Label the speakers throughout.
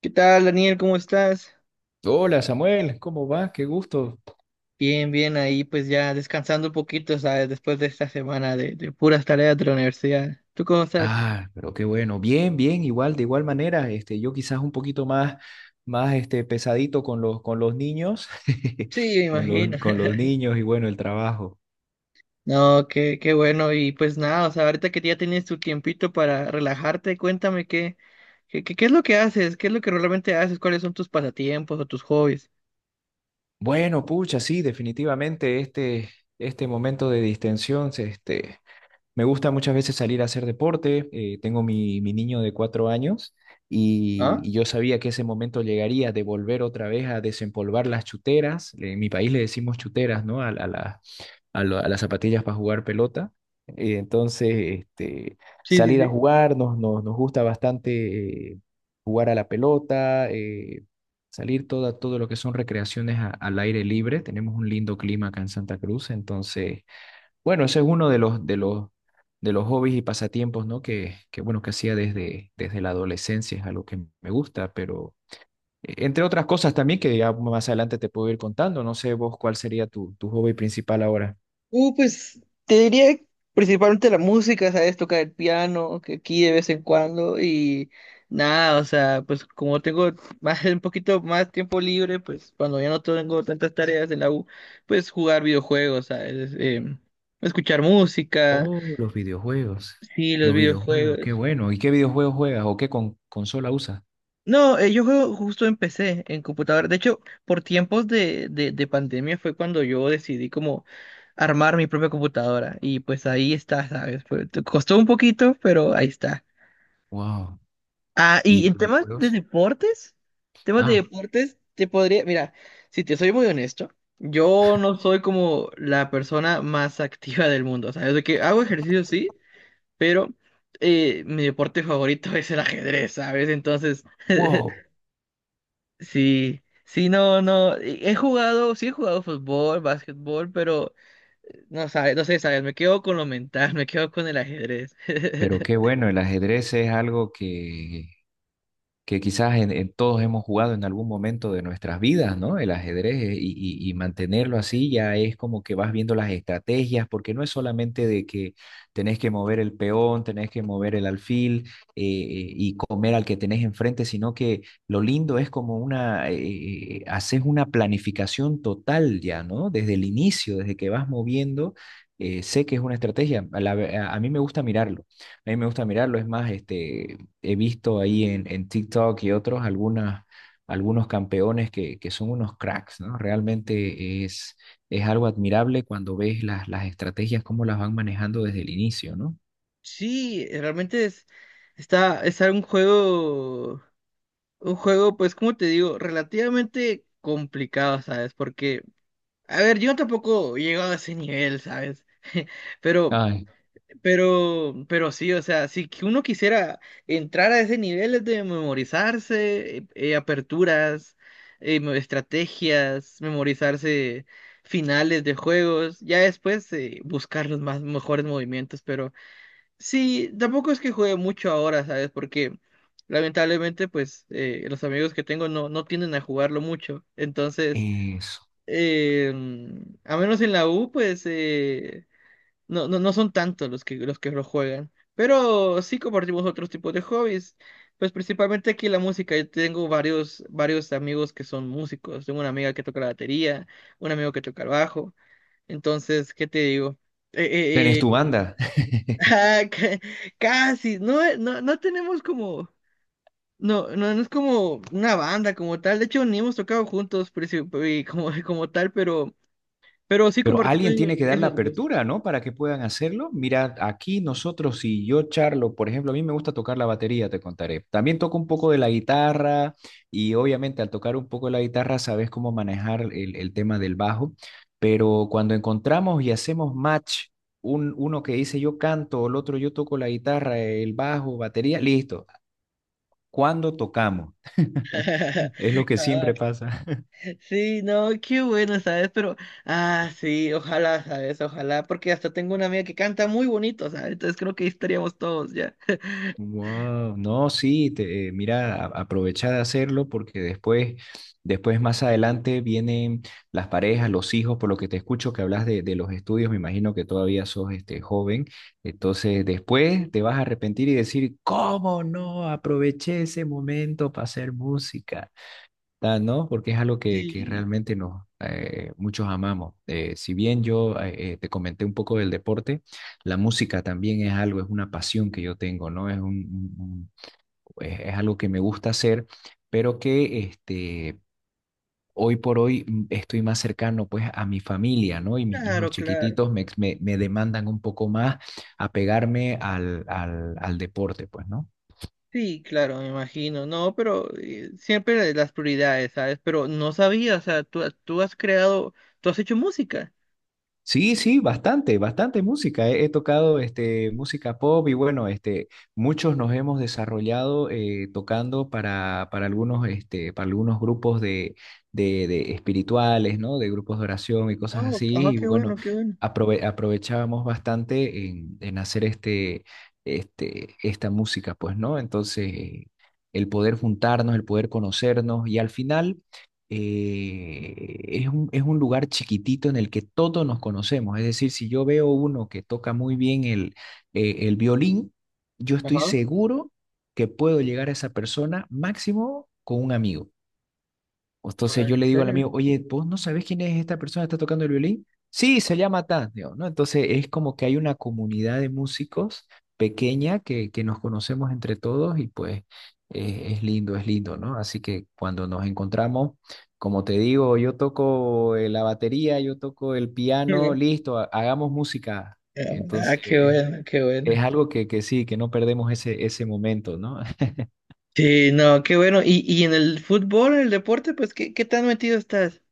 Speaker 1: ¿Qué tal, Daniel? ¿Cómo estás?
Speaker 2: Hola Samuel, ¿cómo vas? Qué gusto.
Speaker 1: Bien, bien, ahí pues ya descansando un poquito, ¿sabes? Después de esta semana de puras tareas de la universidad. ¿Tú cómo estás?
Speaker 2: Ah, pero qué bueno. Bien, bien, igual, de igual manera, yo quizás un poquito más, más pesadito con los niños,
Speaker 1: Sí, me
Speaker 2: con
Speaker 1: imagino.
Speaker 2: los niños y bueno, el trabajo.
Speaker 1: No, qué bueno. Y pues nada, o sea, ahorita que ya tienes tu tiempito para relajarte, cuéntame qué es lo que haces, qué es lo que realmente haces, cuáles son tus pasatiempos o tus hobbies.
Speaker 2: Bueno, pucha, sí, definitivamente este momento de distensión. Me gusta muchas veces salir a hacer deporte. Tengo mi niño de 4 años y,
Speaker 1: ¿Ah?
Speaker 2: y yo sabía que ese momento llegaría de volver otra vez a desempolvar las chuteras. En mi país le decimos chuteras, ¿no? A a las zapatillas para jugar pelota. Entonces, este,
Speaker 1: Sí, sí,
Speaker 2: salir a
Speaker 1: sí.
Speaker 2: jugar, nos gusta bastante jugar a la pelota, salir todo lo que son recreaciones al aire libre. Tenemos un lindo clima acá en Santa Cruz, entonces bueno, ese es uno de los hobbies y pasatiempos, ¿no? Que bueno, que hacía desde la adolescencia, es algo que me gusta, pero entre otras cosas también que ya más adelante te puedo ir contando, no sé vos cuál sería tu hobby principal ahora.
Speaker 1: Pues te diría principalmente la música, ¿sabes? Tocar el piano, que aquí de vez en cuando y nada, o sea, pues como tengo más, un poquito más tiempo libre, pues cuando ya no tengo tantas tareas en la U, pues jugar videojuegos, ¿sabes? Escuchar música,
Speaker 2: Oh,
Speaker 1: sí, los
Speaker 2: los videojuegos, qué
Speaker 1: videojuegos.
Speaker 2: bueno. ¿Y qué videojuegos juegas o qué consola usas?
Speaker 1: No, yo juego justo empecé en computadora. De hecho, por tiempos de pandemia fue cuando yo decidí como armar mi propia computadora. Y pues ahí está, ¿sabes? Fue- te costó un poquito, pero ahí está.
Speaker 2: Wow.
Speaker 1: Ah,
Speaker 2: ¿Y
Speaker 1: y en
Speaker 2: videojuegos?
Speaker 1: temas de
Speaker 2: Ah,
Speaker 1: deportes, te podría, mira, si te soy muy honesto, yo no soy como la persona más activa del mundo. O sea, de que hago ejercicio sí, pero mi deporte favorito es el ajedrez, ¿sabes? Entonces…
Speaker 2: wow.
Speaker 1: Sí, sí, no, no, he jugado, sí he jugado fútbol, básquetbol, pero no sabes, no sé, sabes, me quedo con lo mental, me quedo con el ajedrez.
Speaker 2: Pero qué bueno, el ajedrez es algo que quizás en todos hemos jugado en algún momento de nuestras vidas, ¿no? El ajedrez y mantenerlo así ya es como que vas viendo las estrategias, porque no es solamente de que tenés que mover el peón, tenés que mover el alfil y comer al que tenés enfrente, sino que lo lindo es como haces una planificación total ya, ¿no? Desde el inicio, desde que vas moviendo. Sé que es una estrategia, a mí me gusta mirarlo, a mí me gusta mirarlo, es más, he visto ahí en TikTok y otros algunos campeones que son unos cracks, ¿no? Realmente es algo admirable cuando ves las estrategias, cómo las van manejando desde el inicio, ¿no?
Speaker 1: Sí, realmente es, está, es un juego, pues, como te digo, relativamente complicado, ¿sabes? Porque, a ver, yo tampoco he llegado a ese nivel, ¿sabes? Pero
Speaker 2: Ay,
Speaker 1: pero sí, o sea, si que uno quisiera entrar a ese nivel de memorizarse, aperturas, estrategias, memorizarse finales de juegos, ya después buscar los más mejores movimientos, pero sí, tampoco es que juegue mucho ahora, ¿sabes? Porque lamentablemente, pues, los amigos que tengo no, no tienden a jugarlo mucho, entonces,
Speaker 2: eso.
Speaker 1: eh, a menos en la U, pues… no, no, no son tantos los que lo juegan, pero sí compartimos otros tipos de hobbies. Pues principalmente aquí la música. Yo tengo varios, varios amigos que son músicos. Tengo una amiga que toca la batería, un amigo que toca el bajo. Entonces, ¿qué te digo?
Speaker 2: ¿Tenés
Speaker 1: Eh,
Speaker 2: tu
Speaker 1: eh, eh,
Speaker 2: banda?
Speaker 1: ah, casi, no, no, no tenemos como, no, no, no es como una banda como tal. De hecho, ni hemos tocado juntos y como, como tal, pero sí
Speaker 2: Pero
Speaker 1: compartimos
Speaker 2: alguien tiene que dar la
Speaker 1: esos gustos.
Speaker 2: apertura, ¿no? Para que puedan hacerlo. Mira, aquí nosotros, si yo charlo, por ejemplo, a mí me gusta tocar la batería, te contaré. También toco un poco de la guitarra y obviamente al tocar un poco de la guitarra sabes cómo manejar el tema del bajo, pero cuando encontramos y hacemos match, uno que dice yo canto, el otro yo toco la guitarra, el bajo, batería, listo. ¿Cuándo tocamos? Es lo que siempre pasa.
Speaker 1: Sí, no, qué bueno, ¿sabes? Pero, ah, sí, ojalá, ¿sabes? Ojalá, porque hasta tengo una amiga que canta muy bonito, ¿sabes? Entonces creo que ahí estaríamos todos ya.
Speaker 2: Wow, no, sí, mira, aprovecha de hacerlo porque después más adelante vienen las parejas, los hijos, por lo que te escucho que hablas de los estudios, me imagino que todavía sos joven, entonces después te vas a arrepentir y decir, ¿cómo no aproveché ese momento para hacer música? Ah, no, porque es algo que
Speaker 1: Sí,
Speaker 2: realmente muchos amamos. Si bien yo te comenté un poco del deporte, la música también es algo, es una pasión que yo tengo, ¿no? Es un- es algo que me gusta hacer, pero que hoy por hoy estoy más cercano pues a mi familia, ¿no? Y mis hijos
Speaker 1: claro, claro.
Speaker 2: chiquititos me demandan un poco más apegarme al deporte, pues, ¿no?
Speaker 1: Sí, claro, me imagino. No, pero siempre las prioridades, ¿sabes? Pero no sabía, o sea, tú has creado, tú has hecho música.
Speaker 2: Sí, sí, bastante, bastante música. He tocado música pop y bueno, muchos nos hemos desarrollado tocando para algunos grupos de espirituales, ¿no? De grupos de oración y cosas
Speaker 1: Oh, ah,
Speaker 2: así. Y
Speaker 1: qué
Speaker 2: bueno,
Speaker 1: bueno, qué bueno.
Speaker 2: aprovechábamos bastante en hacer esta música, pues, ¿no? Entonces, el poder juntarnos, el poder conocernos y al final es un lugar chiquitito en el que todos nos conocemos. Es decir, si yo veo uno que toca muy bien el violín, yo estoy
Speaker 1: Ajá.
Speaker 2: seguro que puedo llegar a esa persona máximo con un amigo.
Speaker 1: Ah,
Speaker 2: Entonces yo
Speaker 1: ¿en
Speaker 2: le digo al
Speaker 1: serio?
Speaker 2: amigo, oye, ¿vos no sabés quién es esta persona que está tocando el violín? Sí, se llama tal, digo, ¿no? Entonces es como que hay una comunidad de músicos pequeña que nos conocemos entre todos y pues es lindo, ¿no? Así que cuando nos encontramos, como te digo, yo toco la batería, yo toco el piano, listo, hagamos música.
Speaker 1: Ah, qué
Speaker 2: Entonces
Speaker 1: bueno, qué
Speaker 2: es
Speaker 1: bueno.
Speaker 2: algo que sí, que no perdemos ese momento, ¿no?
Speaker 1: Sí, no, qué bueno. Y en el fútbol, en el deporte, pues, ¿qué, qué tan metido estás?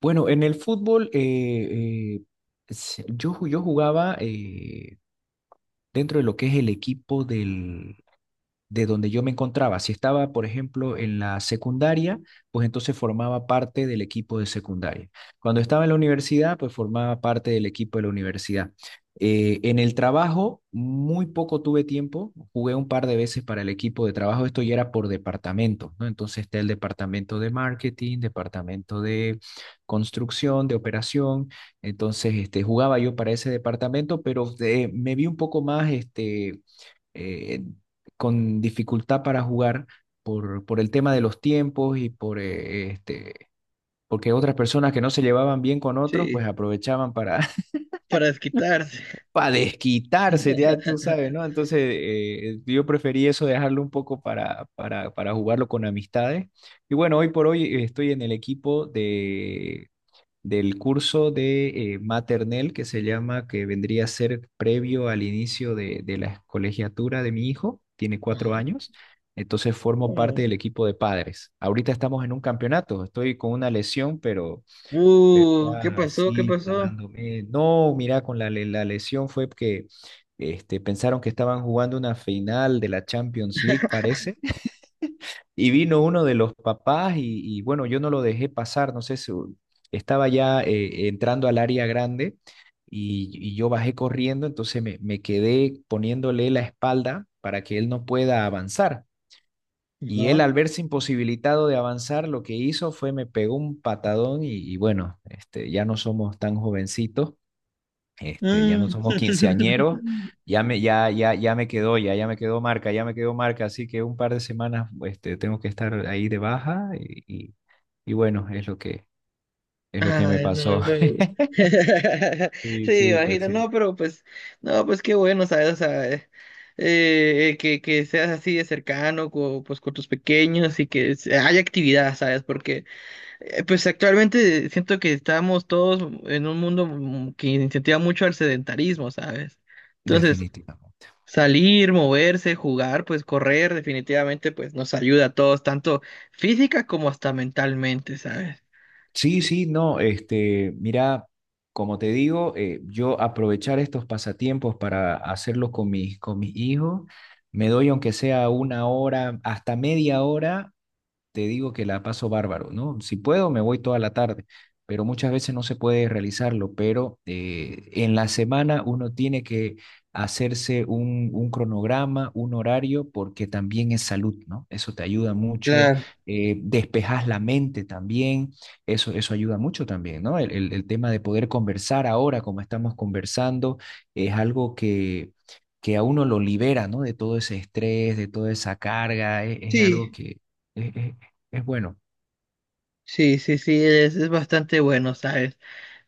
Speaker 2: Bueno, en el fútbol yo jugaba dentro de lo que es el equipo de donde yo me encontraba. Si estaba, por ejemplo, en la secundaria, pues entonces formaba parte del equipo de secundaria. Cuando estaba en la universidad, pues formaba parte del equipo de la universidad. En el trabajo, muy poco tuve tiempo, jugué un par de veces para el equipo de trabajo, esto ya era por departamento, ¿no? Entonces está el departamento de marketing, departamento de construcción, de operación, entonces jugaba yo para ese departamento, pero me vi un poco más, eh, con dificultad para jugar por el tema de los tiempos y porque otras personas que no se llevaban bien con otros,
Speaker 1: Sí,
Speaker 2: pues aprovechaban para,
Speaker 1: para desquitarse.
Speaker 2: para desquitarse, ya tú sabes, ¿no? Entonces yo preferí eso, dejarlo un poco para jugarlo con amistades. Y bueno, hoy por hoy estoy en el equipo de del curso de maternel que se llama, que vendría a ser previo al inicio de la colegiatura de mi hijo, tiene cuatro
Speaker 1: Ajá.
Speaker 2: años, entonces formo parte
Speaker 1: Oh.
Speaker 2: del equipo de padres. Ahorita estamos en un campeonato, estoy con una lesión, pero
Speaker 1: ¿Qué
Speaker 2: ya
Speaker 1: pasó? ¿Qué
Speaker 2: sí,
Speaker 1: pasó?
Speaker 2: sanándome. No, mira, con la lesión fue que pensaron que estaban jugando una final de la Champions League, parece, y vino uno de los papás y bueno, yo no lo dejé pasar, no sé, estaba ya entrando al área grande y yo bajé corriendo, entonces me quedé poniéndole la espalda para que él no pueda avanzar. Y él
Speaker 1: Ajá.
Speaker 2: al verse imposibilitado de avanzar, lo que hizo fue me pegó un patadón y bueno, ya no somos tan jovencitos, ya no
Speaker 1: Mm.
Speaker 2: somos quinceañeros, ya me, ya, ya, ya me quedó, ya, ya me quedó marca, ya me quedó marca, así que un par de semanas, tengo que estar ahí de baja y, y bueno, es lo que me
Speaker 1: Ay, no,
Speaker 2: pasó.
Speaker 1: el juego.
Speaker 2: Sí,
Speaker 1: Sí,
Speaker 2: sí, pues
Speaker 1: imagino,
Speaker 2: sí,
Speaker 1: no, pero pues, no, pues qué bueno, ¿sabes? O sea, que seas así de cercano, pues con tus pequeños y que haya actividad, ¿sabes? Porque, pues actualmente siento que estamos todos en un mundo que incentiva mucho al sedentarismo, ¿sabes? Entonces,
Speaker 2: definitivamente.
Speaker 1: salir, moverse, jugar, pues correr, definitivamente, pues nos ayuda a todos, tanto física como hasta mentalmente, ¿sabes?
Speaker 2: Sí, sí, no, mira, como te digo, yo aprovechar estos pasatiempos para hacerlos con mis hijos, me doy aunque sea una hora, hasta media hora te digo que la paso bárbaro, ¿no? Si puedo, me voy toda la tarde, pero muchas veces no se puede realizarlo, pero en la semana uno tiene que hacerse un cronograma, un horario, porque también es salud, ¿no? Eso te ayuda mucho,
Speaker 1: Claro,
Speaker 2: despejas la mente también, eso ayuda mucho también, ¿no? El tema de poder conversar ahora, como estamos conversando, es algo que a uno lo libera, ¿no? De todo ese estrés, de toda esa carga, es algo
Speaker 1: sí,
Speaker 2: que, es, es bueno.
Speaker 1: sí, sí, sí, es bastante bueno, ¿sabes?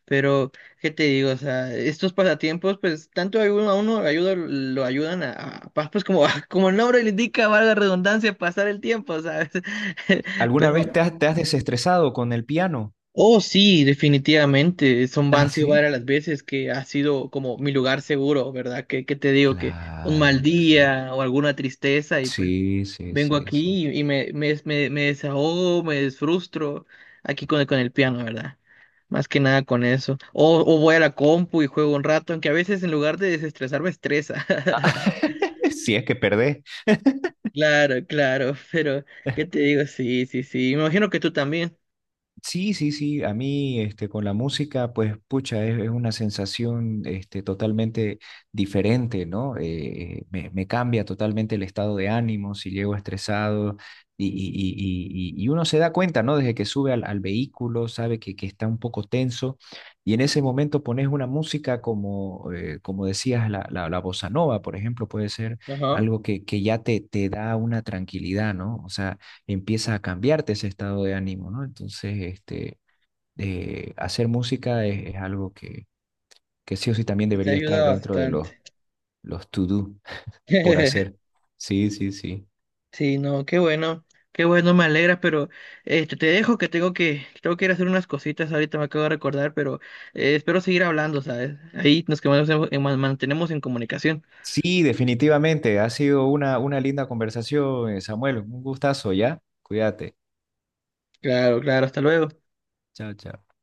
Speaker 1: Pero, ¿qué te digo? O sea, estos pasatiempos, pues, tanto a uno ayuda, lo ayudan a, pues, como, como el nombre le indica, valga la redundancia, pasar el tiempo, ¿sabes?
Speaker 2: ¿Alguna
Speaker 1: Pero
Speaker 2: vez te has desestresado con el piano?
Speaker 1: oh, sí, definitivamente. Son,
Speaker 2: Ah,
Speaker 1: han sido
Speaker 2: sí.
Speaker 1: varias las veces que ha sido como mi lugar seguro, ¿verdad? Que te digo que un
Speaker 2: Claro,
Speaker 1: mal
Speaker 2: sí.
Speaker 1: día o alguna tristeza y pues
Speaker 2: Sí, sí,
Speaker 1: vengo
Speaker 2: sí, sí.
Speaker 1: aquí y, me desahogo, me desfrustro aquí con el piano, ¿verdad? Más que nada con eso. O voy a la compu y juego un rato, aunque a veces en lugar de desestresar me estresa.
Speaker 2: Ah, si es que perdés.
Speaker 1: Claro, claro, pero ¿qué te digo? Sí, sí, sí. Me imagino que tú también.
Speaker 2: Sí, sí, sí, a mí con la música, pues pucha, es una sensación totalmente diferente, ¿no? Me cambia totalmente el estado de ánimo si llego estresado y uno se da cuenta, ¿no? Desde que sube al vehículo, sabe que está un poco tenso y en ese momento pones una música como decías, la bossa nova, por ejemplo, puede ser
Speaker 1: Ajá.
Speaker 2: algo que ya te da una tranquilidad, ¿no? O sea empieza a cambiarte ese estado de ánimo, ¿no? Entonces, hacer música es algo que sí o sí también
Speaker 1: Te
Speaker 2: debería estar
Speaker 1: ayuda
Speaker 2: dentro de los,
Speaker 1: bastante.
Speaker 2: los to-do por hacer. Sí, sí, sí.
Speaker 1: Sí, no, qué bueno, me alegra, pero este, te dejo que tengo que, tengo que ir a hacer unas cositas, ahorita me acabo de recordar, pero espero seguir hablando, ¿sabes? Ahí nos que mantenemos en comunicación.
Speaker 2: Sí, definitivamente. Ha sido una linda conversación, Samuel. Un gustazo, ¿ya? Cuídate.
Speaker 1: Claro, claro, hasta luego.
Speaker 2: Chao, chao.